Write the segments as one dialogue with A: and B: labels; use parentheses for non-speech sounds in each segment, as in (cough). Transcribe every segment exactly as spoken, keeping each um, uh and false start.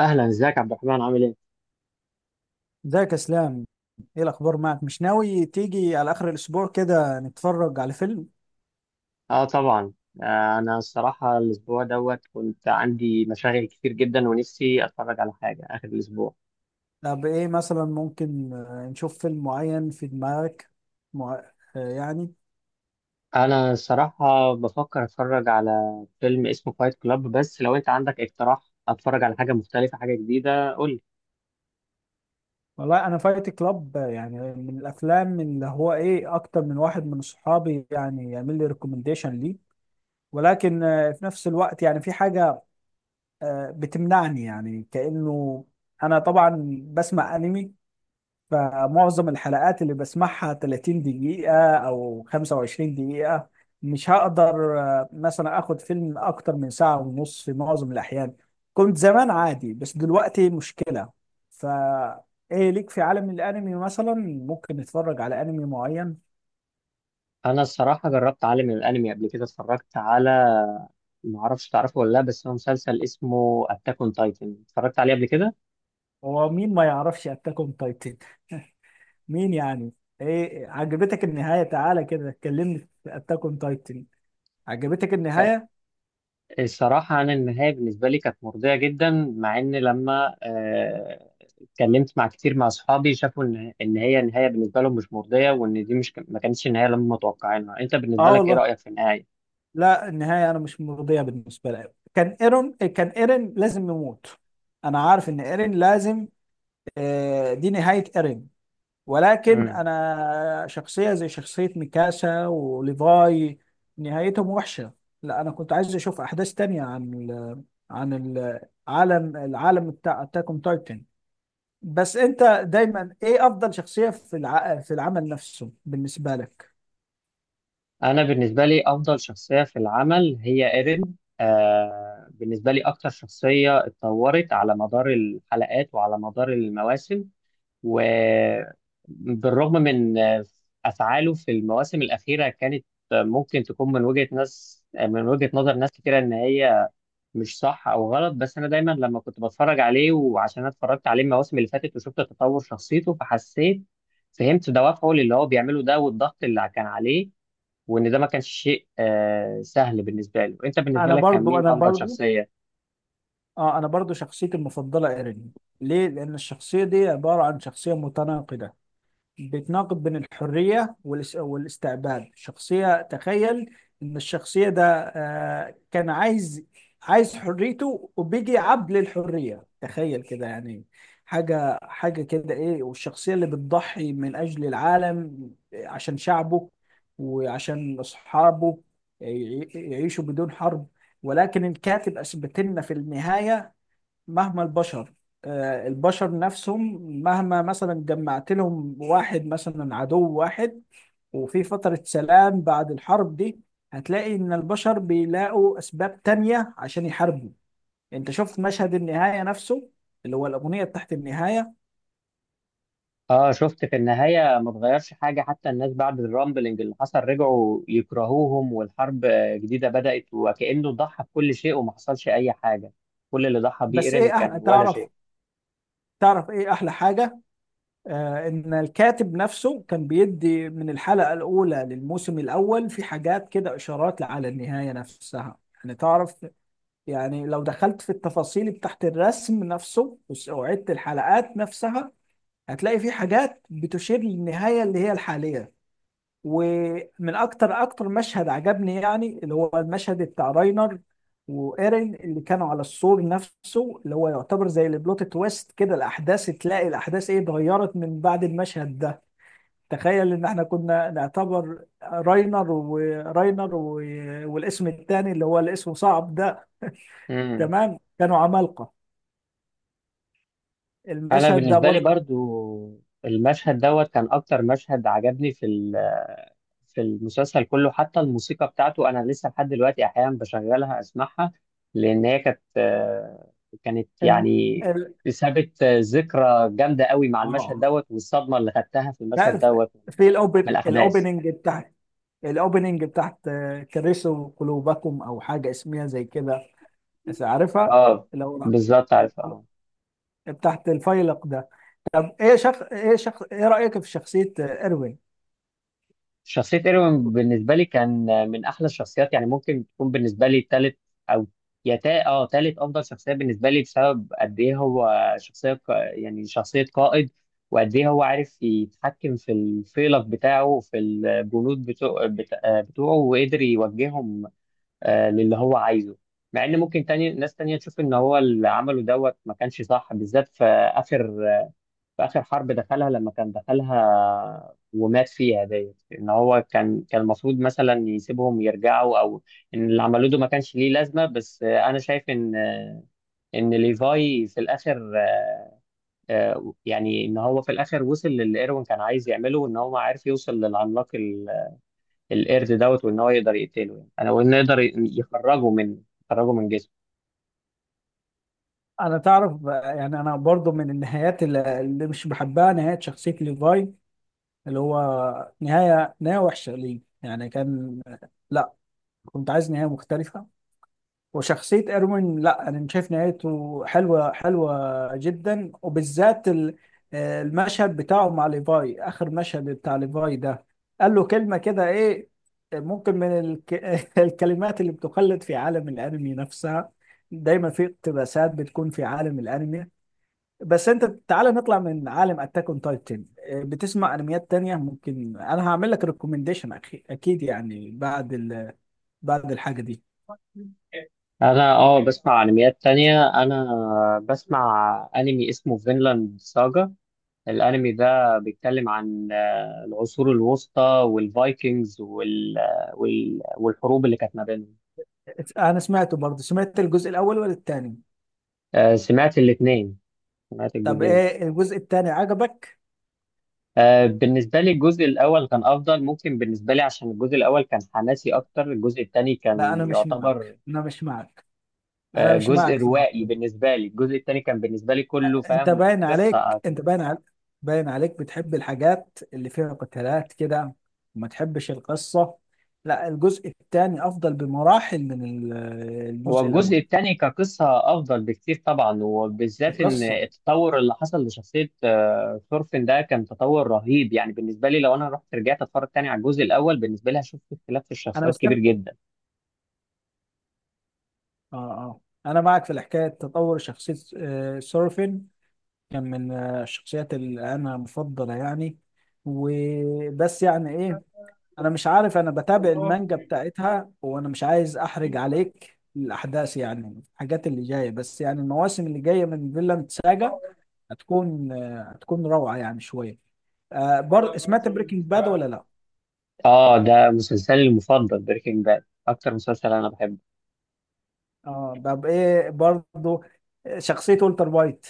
A: اهلا، ازيك عبد الرحمن؟ عامل ايه؟
B: ازيك يا اسلام. ايه الاخبار معك؟ مش ناوي تيجي على اخر الاسبوع كده نتفرج على فيلم؟
A: اه، طبعا. آه انا الصراحه الاسبوع دوت كنت عندي مشاغل كتير جدا ونفسي اتفرج على حاجه اخر الاسبوع.
B: طب ايه مثلا ممكن، آه، نشوف فيلم معين في دماغك؟ مع... آه، يعني.
A: انا الصراحه بفكر اتفرج على فيلم اسمه فايت كلاب، بس لو انت عندك اقتراح اتفرج على حاجه مختلفه حاجه جديده قول لي.
B: والله انا فايت كلاب، آه، يعني من الافلام اللي هو ايه اكتر من واحد من صحابي يعني يعمل لي ريكومنديشن ليه. ولكن آه، في نفس الوقت يعني في حاجة آه، بتمنعني يعني كأنه. انا طبعا بسمع انمي، فمعظم الحلقات اللي بسمعها 30 دقيقة أو 25 دقيقة. مش هقدر آه، مثلا آخد فيلم أكتر من ساعة ونص في معظم الأحيان. كنت زمان عادي بس دلوقتي مشكلة. فا إيه ليك في عالم الأنمي مثلا؟ ممكن نتفرج على أنمي معين.
A: انا الصراحه جربت عالم الانمي قبل كده، اتفرجت على، ما اعرفش تعرفه ولا لا، بس هو مسلسل اسمه اتاك اون تايتن اتفرجت عليه قبل كده.
B: هو مين ما يعرفش أتاك أون تايتن؟ مين يعني. إيه، عجبتك النهاية؟ تعالى كده كلمني في أتاك أون تايتن. عجبتك النهاية؟
A: الصراحة أنا النهاية بالنسبة لي كانت مرضية جدا، مع إن لما آه، اتكلمت مع كتير مع أصحابي شافوا إن إن هي النهاية بالنسبة لهم مش مرضية وإن دي مش ما كانتش النهاية اللي هم متوقعينها، أنت بالنسبة
B: آه
A: لك إيه
B: والله،
A: رأيك في النهاية؟
B: لا النهاية أنا مش مرضية بالنسبة لي. كان إيرون كان إيرين لازم يموت. أنا عارف إن إيرين لازم، آه، دي نهاية إيرين. ولكن
A: امم
B: أنا شخصية زي شخصية ميكاسا وليفاي، نهايتهم وحشة. لا أنا كنت عايز أشوف أحداث تانية عن ال عن العالم العالم بتاع أتاك أون تايتن. بس أنت دايما إيه أفضل شخصية في الع... في العمل نفسه بالنسبة لك؟
A: أنا بالنسبة لي أفضل شخصية في العمل هي إيرين، آه، بالنسبة لي أكتر شخصية اتطورت على مدار الحلقات وعلى مدار المواسم، وبالرغم من أفعاله في المواسم الأخيرة كانت ممكن تكون من وجهة ناس، من وجهة نظر ناس كتيرة إن هي مش صح أو غلط، بس أنا دايما لما كنت بتفرج عليه وعشان أنا اتفرجت عليه المواسم اللي فاتت وشفت تطور شخصيته فحسيت، فهمت دوافعه للي هو بيعمله ده والضغط اللي كان عليه، وإن ده ما كانش شيء آه، سهل بالنسبة له. أنت بالنسبة
B: أنا
A: لك كان
B: برضو
A: مين
B: أنا
A: أفضل
B: برضو
A: شخصية؟
B: اه انا برضو شخصيتي المفضله ايرين. ليه؟ لان الشخصيه دي عباره عن شخصيه متناقضه. بتناقض بين الحريه والاس- والاستعباد. شخصيه تخيل ان الشخصيه ده آه كان عايز عايز حريته، وبيجي عبد للحريه، تخيل كده يعني. حاجه حاجه كده ايه، والشخصيه اللي بتضحي من اجل العالم عشان شعبه وعشان اصحابه يعي- يعيشوا بدون حرب. ولكن الكاتب اثبت لنا في النهايه، مهما البشر، آه، البشر نفسهم مهما مثلا جمعت لهم واحد مثلا عدو واحد وفي فترة سلام بعد الحرب دي، هتلاقي إن البشر بيلاقوا أسباب تانية عشان يحاربوا. أنت شفت مشهد النهاية نفسه، اللي هو الأغنية تحت النهاية.
A: اه، شفت في النهاية ما اتغيرش حاجة، حتى الناس بعد الرامبلينج اللي حصل رجعوا يكرهوهم والحرب آه، جديدة بدأت وكأنه ضحى بكل شيء وما حصلش أي حاجة، كل اللي ضحى بيه
B: بس
A: إيرين
B: إيه
A: كان
B: أحلى،
A: ولا
B: تعرف؟ تعرف إيه أحلى حاجة؟ آه إن الكاتب نفسه كان بيدي من الحلقة الأولى للموسم الأول في حاجات كده، إشارات على النهاية نفسها. يعني تعرف، يعني لو دخلت في التفاصيل بتاعت الرسم نفسه وس- وعدت الحلقات نفسها، هتلاقي في حاجات بتشير للنهاية اللي هي الحالية. ومن أكتر أكتر مشهد عجبني يعني اللي هو المشهد بتاع راينر وإيرين اللي كانوا على السور نفسه، اللي هو يعتبر زي البلوت تويست كده. الأحداث تلاقي الأحداث إيه اتغيرت من بعد المشهد ده. تخيل إن إحنا كنا نعتبر راينر وراينر و... والاسم التاني اللي هو الاسم صعب ده.
A: شيء.
B: تمام كانوا عمالقة.
A: انا
B: المشهد ده
A: بالنسبه لي
B: برضه
A: برضو المشهد دوت كان اكتر مشهد عجبني في ال- في المسلسل كله، حتى الموسيقى بتاعته انا لسه لحد دلوقتي احيانا بشغلها اسمعها، لان هي كانت آه، كانت
B: الم...
A: يعني
B: ال...
A: سابت آه، ذكرى جامده قوي مع المشهد
B: اه
A: دوت والصدمه اللي خدتها في المشهد
B: لا،
A: دوت
B: في
A: من
B: الاوبن
A: الاحداث.
B: الاوبننج بتاعت الاوبننج بتاعت آه، كرسوا قلوبكم او حاجه اسمها زي كده، بس عارفها.
A: اه،
B: لو
A: بالظبط
B: ال-
A: عارف، اه.
B: بتاعت الفيلق ده. ايه شخ... ايه شخ... ايه رايك في شخصيه آه، اروين؟
A: شخصية ايروين بالنسبة لي كان من أحلى الشخصيات، يعني ممكن تكون بالنسبة لي تالت، أو يا تا اه تالت أفضل شخصية بالنسبة لي، بسبب قد إيه هو شخصية ق- يعني شخصية قائد، وقد إيه هو عارف يتحكم في الفيلق بتاعه وفي الجنود بتوع بت- آه، بتوعه وقدر يوجههم آه، للي هو عايزه. مع إن ممكن تاني ناس تانية تشوف إن هو اللي عمله دوت ما كانش صح، بالذات في آخر في آخر حرب دخلها لما كان دخلها ومات فيها ديت، إن هو كان كان المفروض مثلا يسيبهم يرجعوا أو إن اللي عملوه ده ما كانش ليه لازمة، بس آه، أنا شايف إن آه، إن ليفاي في الآخر آه، آه، يعني إن هو في الآخر وصل للي إيروين كان عايز يعمله، وإن هو عارف يوصل للعملاق ال- القرد دوت، وإن هو يقدر يقتله، يعني أنا، وإنه يقدر ي- يخرجه من يخرجه من جسمه.
B: انا تعرف، آه، يعني انا برضو من النهايات اللي اللي مش بحبها، نهايه شخصيه ليفاي اللي هو نهايه نهايه وحشه ليه يعني. كان لا، كنت عايز نهايه مختلفه. وشخصية إروين، لا أنا شايف نهايته حلوة حلوة جدا، وبالذات ال- آه، المشهد بتاعه مع ليفاي، آخر مشهد بتاع ليفاي ده قال له كلمة كده إيه. ممكن من الك... (laughs) الكلمات اللي بتخلد في عالم الأنمي نفسها، دايما في اقتباسات بتكون في عالم الأنمي. بس أنت تعالى نطلع من عالم أتاك أون تايتن. بتسمع أنميات تانية؟ ممكن أنا هعمل لك ريكومنديشن أكيد، يعني بعد ال... بعد الحاجة دي.
A: أنا أه بسمع أنميات تانية، أنا بسمع أنمي اسمه فينلاند ساجا. الانمي ده بيتكلم عن آه، العصور الوسطى والفايكنجز وال... آه، وال... والحروب اللي كانت ما بينهم.
B: انا سمعته برضه. سمعت الجزء الاول ولا التاني؟
A: آه، سمعت الاثنين، سمعت
B: طب
A: الجزئين.
B: ايه، الجزء التاني عجبك؟
A: آه، بالنسبة لي الجزء الأول كان أفضل، ممكن بالنسبة لي عشان الجزء الأول كان حماسي أكتر، الجزء الثاني
B: لا
A: كان
B: انا مش
A: يعتبر
B: معك انا مش معك انا
A: آه،
B: مش
A: جزء
B: معك صراحة.
A: روائي. بالنسبة لي الجزء الثاني كان بالنسبة لي كله
B: انت
A: فاهم
B: باين
A: قصة.
B: عليك انت باين عليك باين عليك بتحب الحاجات اللي فيها قتالات كده، وما تحبش القصة. لا الجزء التاني افضل بمراحل من ال-
A: هو
B: الجزء
A: الجزء
B: الاول.
A: الثاني كقصة أفضل بكتير طبعا، وبالذات إن
B: القصة.
A: التطور اللي حصل لشخصية آه، ثورفين ده كان تطور رهيب، يعني بالنسبة لي لو أنا رحت رجعت أتفرج تاني على الجزء الأول بالنسبة لي هشوف في اختلاف في
B: انا
A: الشخصيات
B: بستنى.
A: كبير جدا.
B: اه اه، انا معك في الحكاية. تطور شخصية آه، سورفين كان من آه، الشخصيات اللي انا مفضله يعني. وبس يعني ايه، انا مش عارف، انا بتابع المانجا بتاعتها وانا مش عايز احرج عليك الاحداث يعني الحاجات اللي جايه. بس يعني المواسم اللي جايه من فيلاند ساجا هتكون آه، هتكون روعه يعني شويه. آه برضه، سمعت بريكنج باد ولا لا؟
A: آه، ده مسلسلي المفضل، بريكنج باد أكتر مسلسل أنا بحبه.
B: اه طب ايه برضه شخصيه والتر وايت؟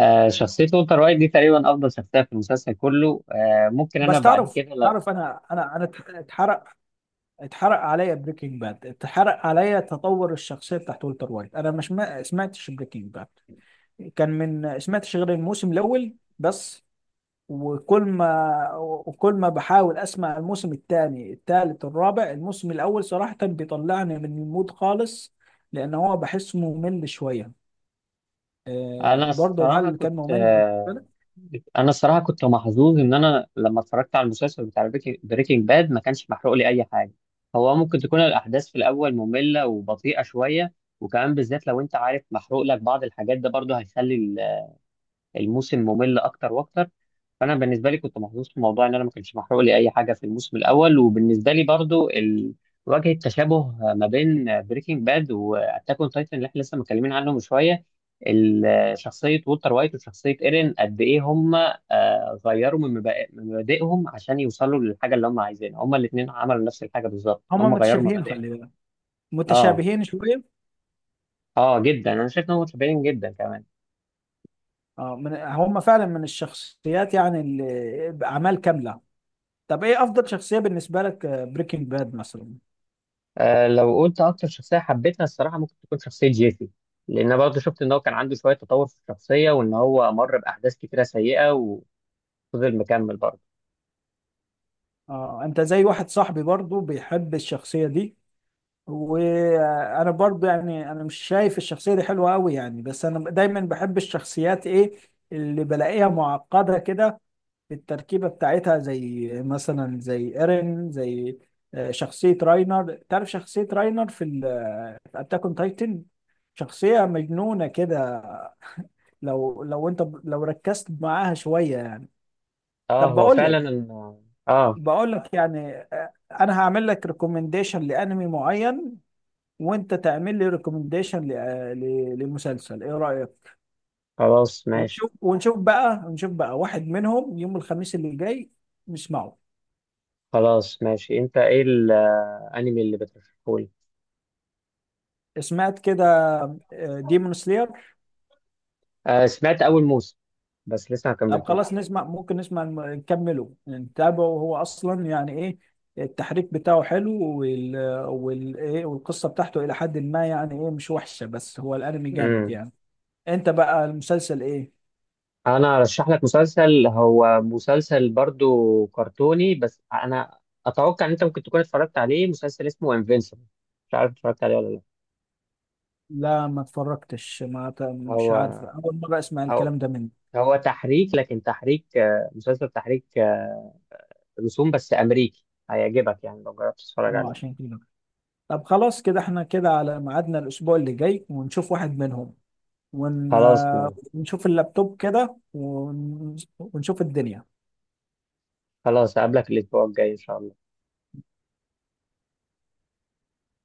A: آه، شخصية والتر وايت دي تقريبا أفضل شخصية في المسلسل كله، آه ممكن أنا
B: بس
A: بعد
B: تعرف،
A: كده لو،
B: تعرف انا انا انا اتحرق اتحرق عليا بريكنج باد، اتحرق عليا تطور الشخصيه بتاعت والتر وايت. انا مش ما سمعتش بريكنج باد. كان من سمعتش غير الموسم الاول بس. وكل ما وكل ما بحاول اسمع الموسم الثاني الثالث الرابع، الموسم الاول صراحه بيطلعني من المود خالص. لان هو بحسه ممل شويه. آه
A: أنا
B: برضه
A: الصراحة
B: هل
A: كنت
B: كان ممل بالنسبه
A: آه،
B: لك؟
A: انا الصراحه كنت محظوظ ان انا لما اتفرجت على المسلسل بتاع بريكنج باد ما كانش محروق لي اي حاجه. هو ممكن تكون الاحداث في الاول ممله وبطيئه شويه، وكمان بالذات لو انت عارف محروق لك بعض الحاجات ده برضه هيخلي ال- الموسم ممل اكتر واكتر. فانا بالنسبه لي كنت محظوظ في موضوع ان انا ما كانش محروق لي اي حاجه في الموسم الاول، وبالنسبه لي برضو ال... واجهة تشابه ما بين بريكنج باد واتاك اون تايتن اللي احنا لسه متكلمين عنه من شويه. ال- شخصيه وولتر وايت وشخصيه ايرين قد ايه هم آه، غيروا من مبادئ- من مبادئهم عشان يوصلوا للحاجه اللي هم عايزينها، هم الاثنين عملوا نفس الحاجه بالظبط،
B: هما
A: هم غيروا
B: متشابهين،
A: مبادئهم.
B: خلي بالك،
A: اه،
B: متشابهين شويه.
A: اه جدا، انا شايف انهم متشابهين جدا كمان.
B: اه، من هم فعلا من الشخصيات يعني اللي اعمال كامله. طب ايه افضل شخصية بالنسبة لك بريكنج باد مثلا؟
A: آه، لو قلت اكتر شخصيه حبيتها الصراحه ممكن تكون شخصيه جيسي، لان أنا برضه شفت ان هو كان عنده شويه تطور في الشخصيه وان هو مر باحداث كتيره سيئه وفضل مكمل برضه.
B: اه، انت زي واحد صاحبي برضو بيحب الشخصية دي. وانا برضو، يعني انا مش شايف الشخصية دي حلوة قوي يعني، بس انا دايما بحب الشخصيات ايه اللي بلاقيها معقدة كده في التركيبة بتاعتها، زي مثلا زي ايرين، زي آه، شخصية راينر. تعرف شخصية راينر في ال- في اتاك اون تايتن؟ شخصية مجنونة كده لو لو انت لو ركزت معاها شوية يعني.
A: اه،
B: طب
A: هو
B: بقول لك
A: فعلا. إن- اه
B: بقول لك يعني، آه، انا هعمل لك ريكومنديشن لانمي معين، وانت تعمل لي ريكومنديشن لمسلسل. ايه رايك؟
A: خلاص ماشي.
B: ونشوف ونشوف بقى ونشوف بقى واحد منهم يوم الخميس اللي جاي نسمعه.
A: خلاص ماشي، انت ايه الانمي اللي بترشحه لي؟
B: سمعت كده ديمون سلاير؟
A: آه، سمعت اول موسم بس لسه ما
B: طب خلاص
A: كملتوش.
B: نسمع، ممكن نسمع، الم- نكمله نتابعه. هو اصلا يعني ايه، التحريك بتاعه حلو، وال وال ايه والقصه بتاعته الى حد ما يعني ايه مش وحشه، بس هو الانمي جامد
A: امم
B: يعني. انت بقى المسلسل ايه؟
A: انا ارشح لك مسلسل، هو مسلسل برضه كرتوني، بس انا اتوقع ان انت ممكن تكون اتفرجت عليه، مسلسل اسمه انفينسيبل، مش عارف اتفرجت عليه ولا لا.
B: لا ما اتفرجتش، ما ت- مش
A: هو
B: عارف، اول مره اسمع
A: هو
B: الكلام ده منك.
A: هو تحريك، لكن تحريك آه، مسلسل تحريك آه، رسوم بس أمريكي، هيعجبك يعني لو جربت تتفرج
B: اه
A: عليه.
B: عشان كده. طب خلاص كده احنا كده على ميعادنا الاسبوع اللي جاي، ونشوف واحد منهم ون...
A: خلاص
B: آه،
A: ماشي.
B: ونشوف اللابتوب كده، ون... ونشوف الدنيا.
A: خلاص أقابلك الأسبوع الجاي إن شاء الله.